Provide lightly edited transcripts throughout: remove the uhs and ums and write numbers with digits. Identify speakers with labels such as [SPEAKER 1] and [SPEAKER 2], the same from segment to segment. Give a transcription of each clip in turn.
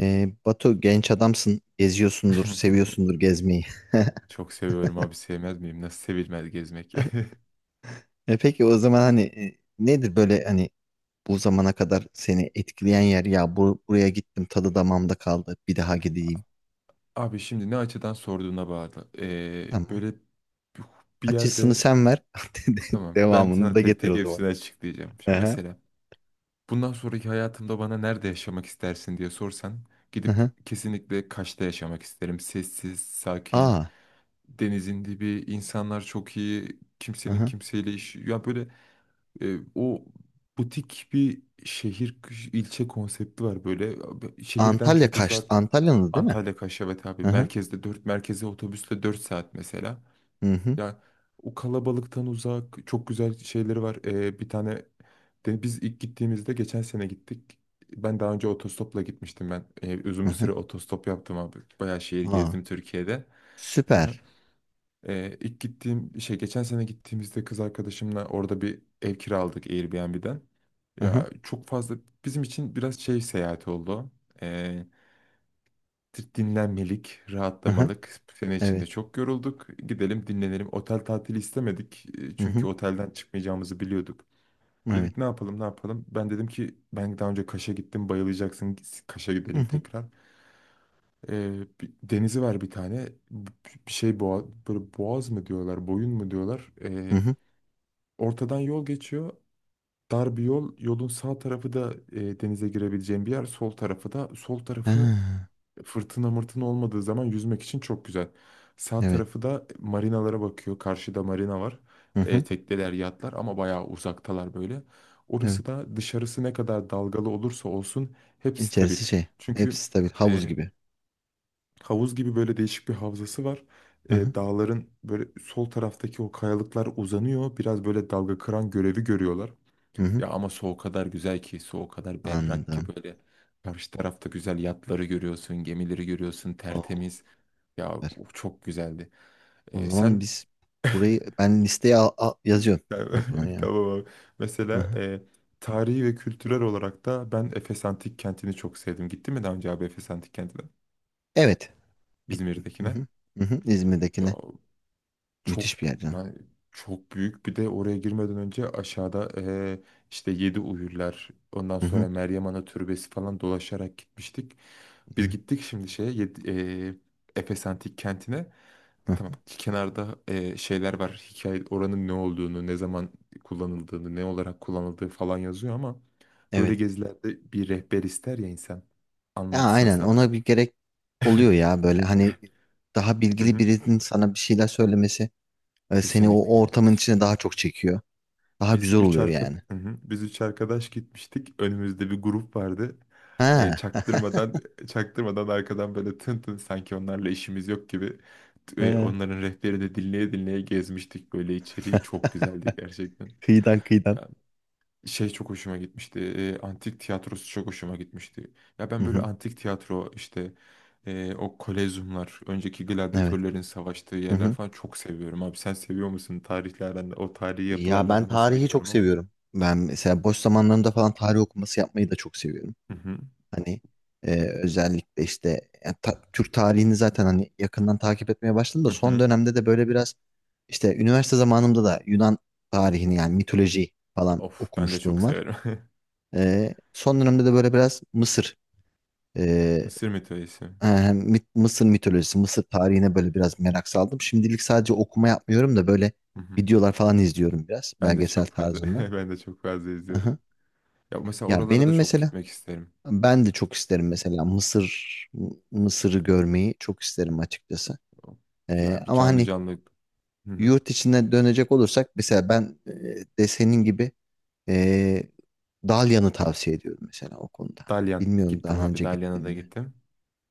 [SPEAKER 1] Batu, genç adamsın, geziyorsundur, seviyorsundur gezmeyi.
[SPEAKER 2] Çok seviyorum abi, sevmez miyim? Nasıl sevilmez gezmek?
[SPEAKER 1] E peki o zaman hani, nedir böyle, hani bu zamana kadar seni etkileyen yer, ya bu, buraya gittim, tadı damağımda kaldı, bir daha gideyim.
[SPEAKER 2] Abi şimdi ne açıdan sorduğuna bağlı.
[SPEAKER 1] Tamam.
[SPEAKER 2] Böyle bir
[SPEAKER 1] Açısını
[SPEAKER 2] yerde,
[SPEAKER 1] sen ver.
[SPEAKER 2] tamam, ben
[SPEAKER 1] Devamını
[SPEAKER 2] sana
[SPEAKER 1] da
[SPEAKER 2] tek
[SPEAKER 1] getir
[SPEAKER 2] tek
[SPEAKER 1] o zaman.
[SPEAKER 2] hepsini açıklayacağım. Şimdi
[SPEAKER 1] Aha.
[SPEAKER 2] mesela bundan sonraki hayatımda bana nerede yaşamak istersin diye sorsan,
[SPEAKER 1] Aha.
[SPEAKER 2] gidip kesinlikle Kaş'ta yaşamak isterim. Sessiz, sakin,
[SPEAKER 1] Aa.
[SPEAKER 2] denizin dibi, insanlar çok iyi, kimsenin
[SPEAKER 1] Hı.
[SPEAKER 2] kimseyle işi. Ya böyle o butik bir şehir, ilçe konsepti var böyle. Şehirden
[SPEAKER 1] Antalya
[SPEAKER 2] çok
[SPEAKER 1] Kaş.
[SPEAKER 2] uzak.
[SPEAKER 1] Antalya'nız, değil mi?
[SPEAKER 2] Antalya Kaşyabet abi,
[SPEAKER 1] Aha.
[SPEAKER 2] merkezde dört, merkeze otobüsle 4 saat mesela.
[SPEAKER 1] Hı. Hı hı.
[SPEAKER 2] Ya o kalabalıktan uzak, çok güzel şeyleri var. Bir tane de biz ilk gittiğimizde, geçen sene gittik. Ben daha önce otostopla gitmiştim ben. Uzun bir süre otostop yaptım abi. Bayağı şehir
[SPEAKER 1] Aa.
[SPEAKER 2] gezdim Türkiye'de. Aha.
[SPEAKER 1] Süper.
[SPEAKER 2] İlk gittiğim şey, geçen sene gittiğimizde kız arkadaşımla orada bir ev kiraladık Airbnb'den.
[SPEAKER 1] Aha.
[SPEAKER 2] Ya çok fazla bizim için biraz şey, seyahat oldu. Ee, Dinlenmelik,
[SPEAKER 1] Aha.
[SPEAKER 2] rahatlamalık. Bu sene
[SPEAKER 1] Evet.
[SPEAKER 2] içinde çok yorulduk. Gidelim dinlenelim. Otel tatili istemedik.
[SPEAKER 1] Hı
[SPEAKER 2] Çünkü
[SPEAKER 1] hı.
[SPEAKER 2] otelden çıkmayacağımızı biliyorduk.
[SPEAKER 1] Evet.
[SPEAKER 2] Dedik ne yapalım, ne yapalım. Ben dedim ki, ben daha önce Kaş'a gittim, bayılacaksın. Kaş'a
[SPEAKER 1] Hı
[SPEAKER 2] gidelim
[SPEAKER 1] hı.
[SPEAKER 2] tekrar. Denizi var bir tane. Bir şey boğa, böyle boğaz mı diyorlar, boyun mu diyorlar.
[SPEAKER 1] Hı hı.
[SPEAKER 2] Ortadan yol geçiyor. Dar bir yol. Yolun sağ tarafı da denize girebileceğin bir yer. Sol tarafı da sol tarafı,
[SPEAKER 1] Ha,
[SPEAKER 2] fırtına mırtına olmadığı zaman yüzmek için çok güzel. Sağ
[SPEAKER 1] evet.
[SPEAKER 2] tarafı da marinalara bakıyor. Karşıda marina var.
[SPEAKER 1] Hı hı.
[SPEAKER 2] Tekneler, yatlar, ama bayağı uzaktalar böyle.
[SPEAKER 1] Evet.
[SPEAKER 2] Orası da dışarısı ne kadar dalgalı olursa olsun hep stabil.
[SPEAKER 1] İçerisi şey.
[SPEAKER 2] Çünkü
[SPEAKER 1] Hepsi stabil. Havuz
[SPEAKER 2] e,
[SPEAKER 1] gibi.
[SPEAKER 2] havuz gibi böyle değişik bir havzası var.
[SPEAKER 1] Hı hı.
[SPEAKER 2] Dağların böyle sol taraftaki o kayalıklar uzanıyor. Biraz böyle dalga kıran görevi görüyorlar.
[SPEAKER 1] Hı hı.
[SPEAKER 2] Ya ama su o kadar güzel ki, su o kadar berrak ki,
[SPEAKER 1] Anladım.
[SPEAKER 2] böyle karşı tarafta güzel yatları görüyorsun, gemileri görüyorsun,
[SPEAKER 1] Oo,
[SPEAKER 2] tertemiz. Ya
[SPEAKER 1] süper.
[SPEAKER 2] o çok güzeldi.
[SPEAKER 1] O zaman
[SPEAKER 2] Sen
[SPEAKER 1] biz, burayı ben listeye yazıyorum o zaman ya.
[SPEAKER 2] tamam abi.
[SPEAKER 1] Hı
[SPEAKER 2] Mesela
[SPEAKER 1] hı.
[SPEAKER 2] tarihi ve kültürel olarak da ben Efes Antik Kenti'ni çok sevdim. Gittin mi daha önce abi Efes Antik Kenti'ne?
[SPEAKER 1] Evet. Gittim. Hı
[SPEAKER 2] İzmir'dekine.
[SPEAKER 1] hı. Hı hı.
[SPEAKER 2] Ya,
[SPEAKER 1] İzmir'dekine.
[SPEAKER 2] çok,
[SPEAKER 1] Müthiş bir yer canım.
[SPEAKER 2] yani çok büyük. Bir de oraya girmeden önce aşağıda işte Yedi Uyurlar, ondan
[SPEAKER 1] Hı hı.
[SPEAKER 2] sonra Meryem Ana Türbesi falan dolaşarak gitmiştik. Biz
[SPEAKER 1] Evet.
[SPEAKER 2] gittik şimdi şeye, Efes Antik Kenti'ne.
[SPEAKER 1] Hı hı.
[SPEAKER 2] Tamam, kenarda şeyler var. Hikaye oranın ne olduğunu, ne zaman kullanıldığını, ne olarak kullanıldığı falan yazıyor, ama böyle
[SPEAKER 1] Evet.
[SPEAKER 2] gezilerde bir rehber ister ya insan,
[SPEAKER 1] Ya
[SPEAKER 2] anlatsın
[SPEAKER 1] aynen,
[SPEAKER 2] sana.
[SPEAKER 1] ona bir gerek oluyor ya böyle, hani daha
[SPEAKER 2] Hı
[SPEAKER 1] bilgili
[SPEAKER 2] hı.
[SPEAKER 1] birinin sana bir şeyler söylemesi, seni o
[SPEAKER 2] Kesinlikle.
[SPEAKER 1] ortamın içine daha çok çekiyor. Daha
[SPEAKER 2] Biz
[SPEAKER 1] güzel
[SPEAKER 2] üç
[SPEAKER 1] oluyor
[SPEAKER 2] arka
[SPEAKER 1] yani.
[SPEAKER 2] Hı hı. Biz üç arkadaş gitmiştik. Önümüzde bir grup vardı.
[SPEAKER 1] Ha.
[SPEAKER 2] Çaktırmadan, çaktırmadan, arkadan böyle tın tın, sanki onlarla işimiz yok gibi,
[SPEAKER 1] He.
[SPEAKER 2] onların rehberi de dinleye dinleye gezmiştik, böyle içeriği çok güzeldi gerçekten.
[SPEAKER 1] Kıyıdan kıyıdan.
[SPEAKER 2] Ya şey, çok hoşuma gitmişti. Antik tiyatrosu çok hoşuma gitmişti. Ya
[SPEAKER 1] Hı
[SPEAKER 2] ben böyle
[SPEAKER 1] hı.
[SPEAKER 2] antik tiyatro, işte o kolezyumlar, önceki
[SPEAKER 1] Evet.
[SPEAKER 2] gladyatörlerin savaştığı
[SPEAKER 1] Hı
[SPEAKER 2] yerler
[SPEAKER 1] hı.
[SPEAKER 2] falan, çok seviyorum abi. Sen seviyor musun tarihlerden, o tarihi
[SPEAKER 1] Ya
[SPEAKER 2] yapılarla
[SPEAKER 1] ben
[SPEAKER 2] aran nasıl
[SPEAKER 1] tarihi çok
[SPEAKER 2] bilmiyorum ama.
[SPEAKER 1] seviyorum. Ben mesela boş zamanlarımda falan tarih okuması yapmayı da çok seviyorum.
[SPEAKER 2] Hı hı.
[SPEAKER 1] Hani özellikle işte ya, Türk tarihini zaten hani yakından takip etmeye başladım da,
[SPEAKER 2] Hı
[SPEAKER 1] son
[SPEAKER 2] hı.
[SPEAKER 1] dönemde de böyle biraz, işte üniversite zamanımda da Yunan tarihini, yani mitoloji falan
[SPEAKER 2] Of, ben de çok
[SPEAKER 1] okumuşluğum var.
[SPEAKER 2] severim.
[SPEAKER 1] Son dönemde de böyle biraz Mısır,
[SPEAKER 2] Mısır mitolojisi.
[SPEAKER 1] Ee, Mısır mitolojisi, Mısır tarihine böyle biraz merak saldım. Şimdilik sadece okuma yapmıyorum da böyle
[SPEAKER 2] Hı hı.
[SPEAKER 1] videolar falan izliyorum, biraz
[SPEAKER 2] Ben de
[SPEAKER 1] belgesel
[SPEAKER 2] çok fazla
[SPEAKER 1] tarzında.
[SPEAKER 2] ben de çok fazla izliyorum.
[SPEAKER 1] Aha.
[SPEAKER 2] Ya mesela
[SPEAKER 1] Ya
[SPEAKER 2] oralara da
[SPEAKER 1] benim
[SPEAKER 2] çok
[SPEAKER 1] mesela,
[SPEAKER 2] gitmek isterim.
[SPEAKER 1] ben de çok isterim mesela Mısır, Mısır'ı görmeyi çok isterim açıkçası.
[SPEAKER 2] Ya bir,
[SPEAKER 1] Ama
[SPEAKER 2] canlı
[SPEAKER 1] hani,
[SPEAKER 2] canlı. Hı hı.
[SPEAKER 1] yurt içine dönecek olursak mesela ben, de senin gibi, e, Dalyan'ı tavsiye ediyorum mesela o konuda.
[SPEAKER 2] Dalyan
[SPEAKER 1] Bilmiyorum,
[SPEAKER 2] gittim
[SPEAKER 1] daha
[SPEAKER 2] abi.
[SPEAKER 1] önce
[SPEAKER 2] Dalyan'a
[SPEAKER 1] gittin
[SPEAKER 2] da
[SPEAKER 1] mi?
[SPEAKER 2] gittim.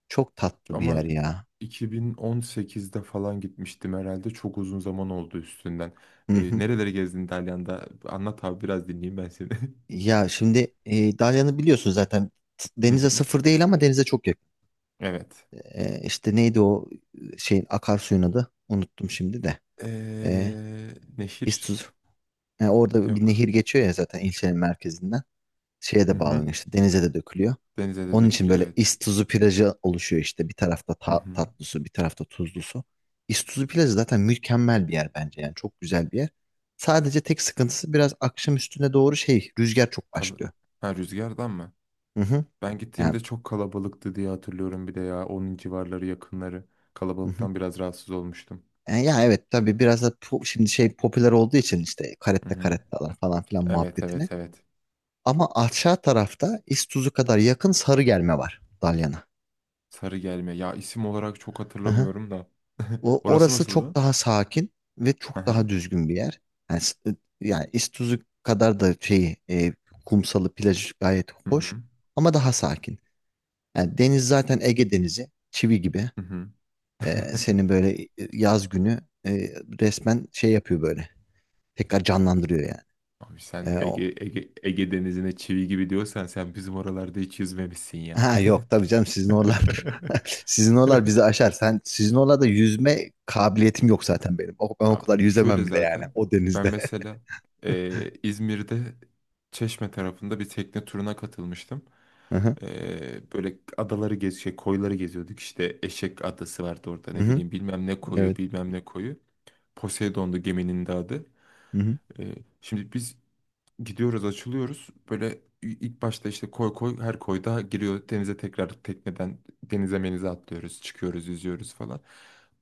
[SPEAKER 1] Çok tatlı bir
[SPEAKER 2] Ama
[SPEAKER 1] yer ya.
[SPEAKER 2] 2018'de falan gitmiştim herhalde. Çok uzun zaman oldu üstünden.
[SPEAKER 1] Hı hı.
[SPEAKER 2] Nereleri gezdin Dalyan'da? Anlat abi, biraz dinleyeyim ben seni.
[SPEAKER 1] Ya şimdi Dalyan'ı biliyorsun zaten,
[SPEAKER 2] Hı
[SPEAKER 1] denize
[SPEAKER 2] hı.
[SPEAKER 1] sıfır değil ama denize çok yakın.
[SPEAKER 2] Evet.
[SPEAKER 1] İşte neydi o, şeyin, akarsuyun adı? Unuttum şimdi de. E,
[SPEAKER 2] Neşir
[SPEAKER 1] İstuz. Orada bir
[SPEAKER 2] yok.
[SPEAKER 1] nehir geçiyor ya zaten, ilçenin merkezinden. Şeye
[SPEAKER 2] Hı
[SPEAKER 1] de
[SPEAKER 2] hı.
[SPEAKER 1] bağlanıyor, işte denize de dökülüyor.
[SPEAKER 2] Denize de
[SPEAKER 1] Onun için
[SPEAKER 2] dökülüyor,
[SPEAKER 1] böyle
[SPEAKER 2] evet.
[SPEAKER 1] İstuzu plajı oluşuyor, işte bir tarafta
[SPEAKER 2] Hı hı.
[SPEAKER 1] tatlı su, bir tarafta tuzlu su. İstuzu plajı zaten mükemmel bir yer bence, yani çok güzel bir yer. Sadece tek sıkıntısı, biraz akşam üstüne doğru şey, rüzgar çok
[SPEAKER 2] Kal-
[SPEAKER 1] başlıyor.
[SPEAKER 2] ha, rüzgardan mı?
[SPEAKER 1] Hı hı.
[SPEAKER 2] Ben
[SPEAKER 1] Yani
[SPEAKER 2] gittiğimde çok kalabalıktı diye hatırlıyorum bir de ya. Onun civarları, yakınları.
[SPEAKER 1] hı hı.
[SPEAKER 2] Kalabalıktan biraz rahatsız olmuştum.
[SPEAKER 1] Ya evet tabii, biraz da şimdi şey popüler olduğu için, işte
[SPEAKER 2] Hı
[SPEAKER 1] karette
[SPEAKER 2] hı.
[SPEAKER 1] karettalar falan filan
[SPEAKER 2] Evet, evet,
[SPEAKER 1] muhabbetine.
[SPEAKER 2] evet.
[SPEAKER 1] Ama aşağı tarafta, İztuzu kadar yakın Sarıgelme var Dalyan'a.
[SPEAKER 2] Sarı gelme. Ya isim olarak çok
[SPEAKER 1] Hı hı.
[SPEAKER 2] hatırlamıyorum da.
[SPEAKER 1] O,
[SPEAKER 2] Orası
[SPEAKER 1] orası çok
[SPEAKER 2] nasıldı?
[SPEAKER 1] daha sakin ve
[SPEAKER 2] Hı
[SPEAKER 1] çok
[SPEAKER 2] hı.
[SPEAKER 1] daha düzgün bir yer. Yani, yani İztuzu kadar da şeyi, kumsalı, plajı gayet
[SPEAKER 2] Hı hı.
[SPEAKER 1] hoş, ama daha sakin. Yani deniz zaten, Ege Denizi çivi gibi.
[SPEAKER 2] Hı hı.
[SPEAKER 1] Seni böyle, yaz günü, e, resmen şey yapıyor böyle. Tekrar canlandırıyor
[SPEAKER 2] Abi sen
[SPEAKER 1] yani.
[SPEAKER 2] Ege, Ege, Ege Denizi'ne çivi gibi diyorsan, sen bizim oralarda hiç yüzmemişsin ya.
[SPEAKER 1] Ha yok tabii canım, sizin oralar sizin oralar bizi aşar. Sen, sizin oralarda yüzme kabiliyetim yok zaten benim. Ben o kadar
[SPEAKER 2] Abi şöyle
[SPEAKER 1] yüzemem bile yani,
[SPEAKER 2] zaten,
[SPEAKER 1] o
[SPEAKER 2] ben
[SPEAKER 1] denizde.
[SPEAKER 2] mesela İzmir'de, Çeşme tarafında bir tekne turuna katılmıştım.
[SPEAKER 1] Hı hı.
[SPEAKER 2] Böyle adaları gez, şey, koyları geziyorduk. İşte Eşek Adası vardı orada,
[SPEAKER 1] Hı
[SPEAKER 2] ne
[SPEAKER 1] hı.
[SPEAKER 2] bileyim, bilmem ne koyu,
[SPEAKER 1] Evet.
[SPEAKER 2] bilmem ne koyu. Poseidon'du geminin de adı.
[SPEAKER 1] Hı hı.
[SPEAKER 2] Eee, şimdi biz Gidiyoruz, açılıyoruz. Böyle ilk başta işte koy koy, her koyda giriyor denize, tekrar tekneden denize menize atlıyoruz, çıkıyoruz, yüzüyoruz falan.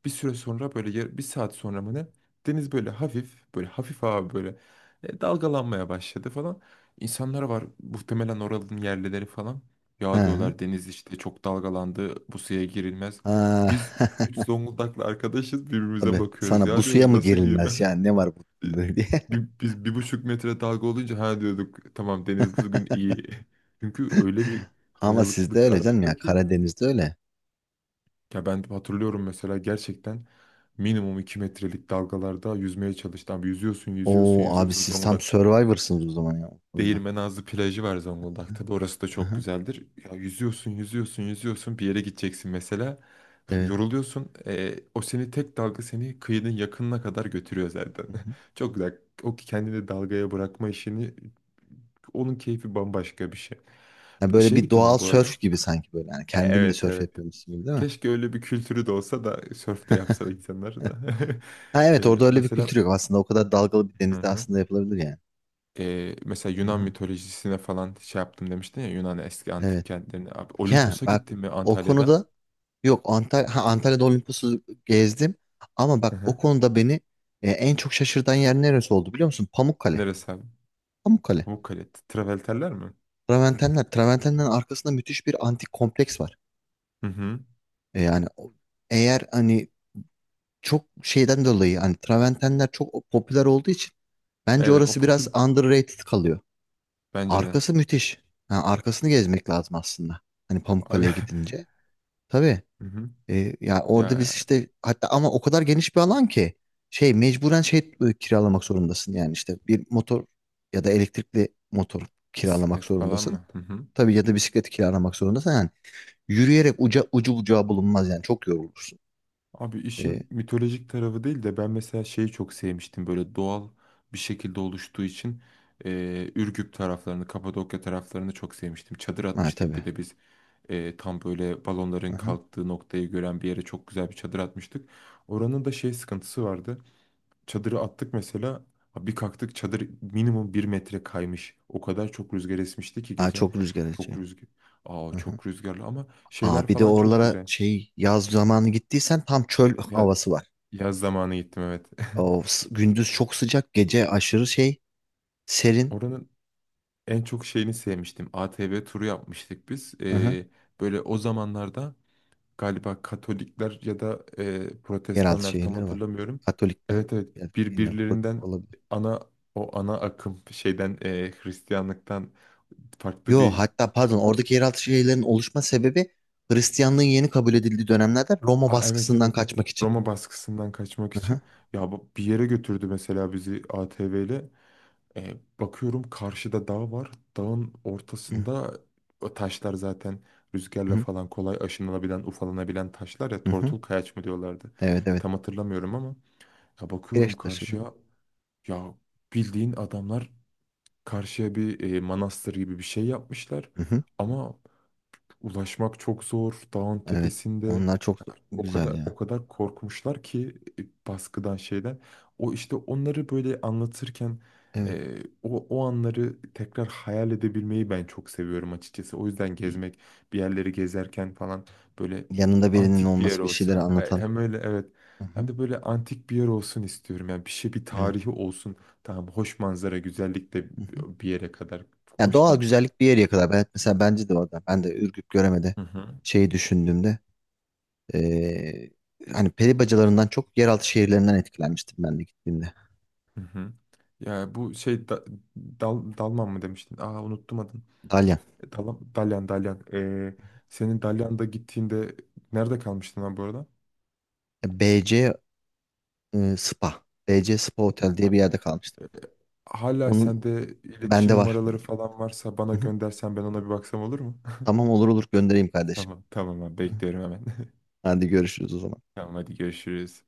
[SPEAKER 2] Bir süre sonra böyle 1 saat sonra mı ne? Deniz böyle hafif, böyle hafif abi, böyle dalgalanmaya başladı falan. İnsanlar var, muhtemelen oranın yerlileri falan. Ya
[SPEAKER 1] Ha.
[SPEAKER 2] diyorlar, deniz işte çok dalgalandı, bu suya girilmez.
[SPEAKER 1] Ha.
[SPEAKER 2] Biz üç Zonguldaklı arkadaşız, birbirimize
[SPEAKER 1] Tabii,
[SPEAKER 2] bakıyoruz.
[SPEAKER 1] sana bu
[SPEAKER 2] Ya
[SPEAKER 1] suya
[SPEAKER 2] diyorum,
[SPEAKER 1] mı
[SPEAKER 2] nasıl giyme?
[SPEAKER 1] girilmez yani, ne var bu diye.
[SPEAKER 2] Bir, biz 1,5 metre dalga olunca ha diyorduk, tamam deniz bugün iyi. Çünkü öyle bir
[SPEAKER 1] Ama sizde
[SPEAKER 2] kayalıklık
[SPEAKER 1] öyle canım,
[SPEAKER 2] aradı
[SPEAKER 1] ya
[SPEAKER 2] ki,
[SPEAKER 1] Karadeniz'de öyle.
[SPEAKER 2] ya ben hatırlıyorum mesela, gerçekten minimum 2 metrelik dalgalarda yüzmeye çalıştım. Abi yüzüyorsun, yüzüyorsun,
[SPEAKER 1] Oo abi,
[SPEAKER 2] yüzüyorsun
[SPEAKER 1] siz tam
[SPEAKER 2] Zonguldak'ta.
[SPEAKER 1] Survivor'sınız o zaman ya o konuda.
[SPEAKER 2] Değirmenazlı plajı var Zonguldak'ta, da orası da çok
[SPEAKER 1] Aha,
[SPEAKER 2] güzeldir. Ya yüzüyorsun, yüzüyorsun, yüzüyorsun, bir yere gideceksin mesela.
[SPEAKER 1] evet.
[SPEAKER 2] Yoruluyorsun. O seni tek dalga, seni kıyının yakınına kadar götürüyor zaten.
[SPEAKER 1] Hı hı.
[SPEAKER 2] Çok güzel. O kendini dalgaya bırakma işini, onun keyfi bambaşka bir şey.
[SPEAKER 1] Ya böyle
[SPEAKER 2] Şeye
[SPEAKER 1] bir
[SPEAKER 2] gittim
[SPEAKER 1] doğal
[SPEAKER 2] ben bu arada.
[SPEAKER 1] sörf gibi sanki böyle. Yani kendinle
[SPEAKER 2] Evet,
[SPEAKER 1] sörf
[SPEAKER 2] evet.
[SPEAKER 1] yapıyormuşsun gibi, değil mi?
[SPEAKER 2] Keşke öyle bir kültürü de olsa da, sörf de yapsa da insanlar da.
[SPEAKER 1] Ha
[SPEAKER 2] E,
[SPEAKER 1] evet, orada öyle bir kültür
[SPEAKER 2] mesela
[SPEAKER 1] yok aslında. O kadar dalgalı bir
[SPEAKER 2] Hı
[SPEAKER 1] denizde
[SPEAKER 2] hı.
[SPEAKER 1] aslında yapılabilir yani.
[SPEAKER 2] Mesela Yunan
[SPEAKER 1] Aha,
[SPEAKER 2] mitolojisine falan şey yaptım demiştin ya, Yunan eski
[SPEAKER 1] evet.
[SPEAKER 2] antik kentlerine. Abi
[SPEAKER 1] Ya
[SPEAKER 2] Olimpos'a
[SPEAKER 1] bak,
[SPEAKER 2] gittin mi
[SPEAKER 1] o
[SPEAKER 2] Antalya'da?
[SPEAKER 1] konuda yok Antalya, ha, Antalya'da Olimpos'u gezdim. Ama
[SPEAKER 2] Hı
[SPEAKER 1] bak o
[SPEAKER 2] hı.
[SPEAKER 1] konuda beni en çok şaşırtan yer neresi oldu biliyor musun? Pamukkale.
[SPEAKER 2] Neresi abi?
[SPEAKER 1] Pamukkale.
[SPEAKER 2] Pamukkale. Travelterler mi?
[SPEAKER 1] Traventenler. Traventenlerin arkasında müthiş bir antik kompleks var.
[SPEAKER 2] Hı hı.
[SPEAKER 1] Yani eğer hani, çok şeyden dolayı, hani Traventenler çok popüler olduğu için, bence
[SPEAKER 2] Evet, o
[SPEAKER 1] orası biraz
[SPEAKER 2] popül
[SPEAKER 1] underrated kalıyor.
[SPEAKER 2] bence de.
[SPEAKER 1] Arkası müthiş. Ha, arkasını gezmek lazım aslında, hani
[SPEAKER 2] Abi.
[SPEAKER 1] Pamukkale'ye gidince. Tabii.
[SPEAKER 2] Hı hı.
[SPEAKER 1] Ya orada biz,
[SPEAKER 2] Ya
[SPEAKER 1] işte hatta, ama o kadar geniş bir alan ki, şey mecburen şey kiralamak zorundasın, yani işte bir motor ya da elektrikli motor kiralamak
[SPEAKER 2] bisiklet falan
[SPEAKER 1] zorundasın.
[SPEAKER 2] mı? Hı hı.
[SPEAKER 1] Tabii, ya da bisiklet kiralamak zorundasın. Yani yürüyerek ucu bucağı bulunmaz yani, çok yorulursun.
[SPEAKER 2] Abi
[SPEAKER 1] E,
[SPEAKER 2] işin mitolojik tarafı değil de, ben mesela şeyi çok sevmiştim, böyle doğal bir şekilde oluştuğu için Ürgüp taraflarını, Kapadokya taraflarını çok sevmiştim. Çadır
[SPEAKER 1] ha,
[SPEAKER 2] atmıştık
[SPEAKER 1] tabii.
[SPEAKER 2] bir de biz, tam böyle balonların
[SPEAKER 1] Aha.
[SPEAKER 2] kalktığı noktayı gören bir yere çok güzel bir çadır atmıştık. Oranın da şey sıkıntısı vardı. Çadırı attık mesela, ha bir kalktık çadır minimum 1 metre kaymış. O kadar çok rüzgar esmişti ki
[SPEAKER 1] Ha,
[SPEAKER 2] gece.
[SPEAKER 1] çok rüzgar
[SPEAKER 2] Çok
[SPEAKER 1] esiyor.
[SPEAKER 2] rüzgar. Aa,
[SPEAKER 1] Aha.
[SPEAKER 2] çok rüzgarlı, ama
[SPEAKER 1] Aa,
[SPEAKER 2] şeyler
[SPEAKER 1] bir de
[SPEAKER 2] falan çok
[SPEAKER 1] oralara
[SPEAKER 2] güzel.
[SPEAKER 1] şey, yaz zamanı gittiysen tam çöl
[SPEAKER 2] Ya,
[SPEAKER 1] havası var.
[SPEAKER 2] yaz zamanı gittim, evet.
[SPEAKER 1] Gündüz çok sıcak, gece aşırı şey, serin.
[SPEAKER 2] Oranın en çok şeyini sevmiştim. ATV turu yapmıştık biz.
[SPEAKER 1] Hı hı.
[SPEAKER 2] Böyle o zamanlarda galiba Katolikler ya da
[SPEAKER 1] Yeraltı
[SPEAKER 2] Protestanlar, tam
[SPEAKER 1] şehirleri var.
[SPEAKER 2] hatırlamıyorum.
[SPEAKER 1] Katolikler,
[SPEAKER 2] Evet, evet,
[SPEAKER 1] ya bilmiyorum,
[SPEAKER 2] birbirlerinden,
[SPEAKER 1] Protestan olabilir.
[SPEAKER 2] ana, o ana akım şeyden, Hristiyanlıktan farklı
[SPEAKER 1] Yo,
[SPEAKER 2] bir,
[SPEAKER 1] hatta pardon,
[SPEAKER 2] o,
[SPEAKER 1] oradaki yeraltı şehirlerin oluşma sebebi, Hristiyanlığın yeni kabul edildiği dönemlerde Roma
[SPEAKER 2] aa, evet
[SPEAKER 1] baskısından
[SPEAKER 2] evet,
[SPEAKER 1] kaçmak için.
[SPEAKER 2] Roma baskısından kaçmak
[SPEAKER 1] Hı hı.
[SPEAKER 2] için, bir yere götürdü mesela bizi ATV ile. E, Bakıyorum karşıda dağ var. Dağın
[SPEAKER 1] Hı
[SPEAKER 2] ortasında o taşlar zaten rüzgarla
[SPEAKER 1] hı.
[SPEAKER 2] falan kolay aşınılabilen, ufalanabilen taşlar ya,
[SPEAKER 1] Hı hı.
[SPEAKER 2] tortul kayaç mı diyorlardı.
[SPEAKER 1] Evet, evet.
[SPEAKER 2] Tam hatırlamıyorum ama, ya bakıyorum
[SPEAKER 1] Kireç taşı.
[SPEAKER 2] karşıya, ya bildiğin adamlar karşıya bir manastır gibi bir şey yapmışlar.
[SPEAKER 1] Hı hı.
[SPEAKER 2] Ama ulaşmak çok zor. Dağın
[SPEAKER 1] Evet.
[SPEAKER 2] tepesinde
[SPEAKER 1] Onlar çok
[SPEAKER 2] o
[SPEAKER 1] güzel
[SPEAKER 2] kadar,
[SPEAKER 1] ya.
[SPEAKER 2] o kadar korkmuşlar ki baskıdan, şeyden. O işte onları böyle anlatırken,
[SPEAKER 1] Evet.
[SPEAKER 2] e, o, o anları tekrar hayal edebilmeyi ben çok seviyorum açıkçası. O yüzden gezmek, bir yerleri gezerken falan, böyle
[SPEAKER 1] Yanında birinin
[SPEAKER 2] antik bir yer
[SPEAKER 1] olması, bir şeyleri
[SPEAKER 2] olsun.
[SPEAKER 1] anlatan.
[SPEAKER 2] Hem öyle, evet.
[SPEAKER 1] Hı
[SPEAKER 2] Hem
[SPEAKER 1] hı.
[SPEAKER 2] de böyle antik bir yer olsun istiyorum. Yani bir şey, bir
[SPEAKER 1] Evet.
[SPEAKER 2] tarihi olsun. Tamam, hoş manzara, güzellik de
[SPEAKER 1] Hı hı.
[SPEAKER 2] bir yere kadar
[SPEAKER 1] Yani,
[SPEAKER 2] hoş
[SPEAKER 1] doğal
[SPEAKER 2] da.
[SPEAKER 1] güzellik bir yere kadar. Ben mesela, bence de orada. Ben de Ürgüp Göreme'de
[SPEAKER 2] Hı hı.
[SPEAKER 1] şeyi düşündüğümde, eee, hani peri bacalarından çok yeraltı şehirlerinden etkilenmiştim, ben de gittiğimde.
[SPEAKER 2] Hı hı. Ya bu şey da, dalman mı demiştin? Aa, unuttum adını.
[SPEAKER 1] Dalyan.
[SPEAKER 2] Dalyan, Dalyan, Dalyan. Senin Dalyan'da gittiğinde nerede kalmıştın lan bu arada?
[SPEAKER 1] BC Spa. BC Spa Otel diye bir
[SPEAKER 2] Bak,
[SPEAKER 1] yerde kalmıştım.
[SPEAKER 2] hala
[SPEAKER 1] Onun
[SPEAKER 2] sende
[SPEAKER 1] bende
[SPEAKER 2] iletişim
[SPEAKER 1] var.
[SPEAKER 2] numaraları falan varsa, bana
[SPEAKER 1] Hı hı.
[SPEAKER 2] göndersen ben ona bir baksam, olur mu?
[SPEAKER 1] Tamam, olur olur, göndereyim kardeşim.
[SPEAKER 2] Tamam, tamam abi,
[SPEAKER 1] Hı.
[SPEAKER 2] bekliyorum hemen.
[SPEAKER 1] Hadi görüşürüz o zaman.
[SPEAKER 2] Tamam, hadi görüşürüz.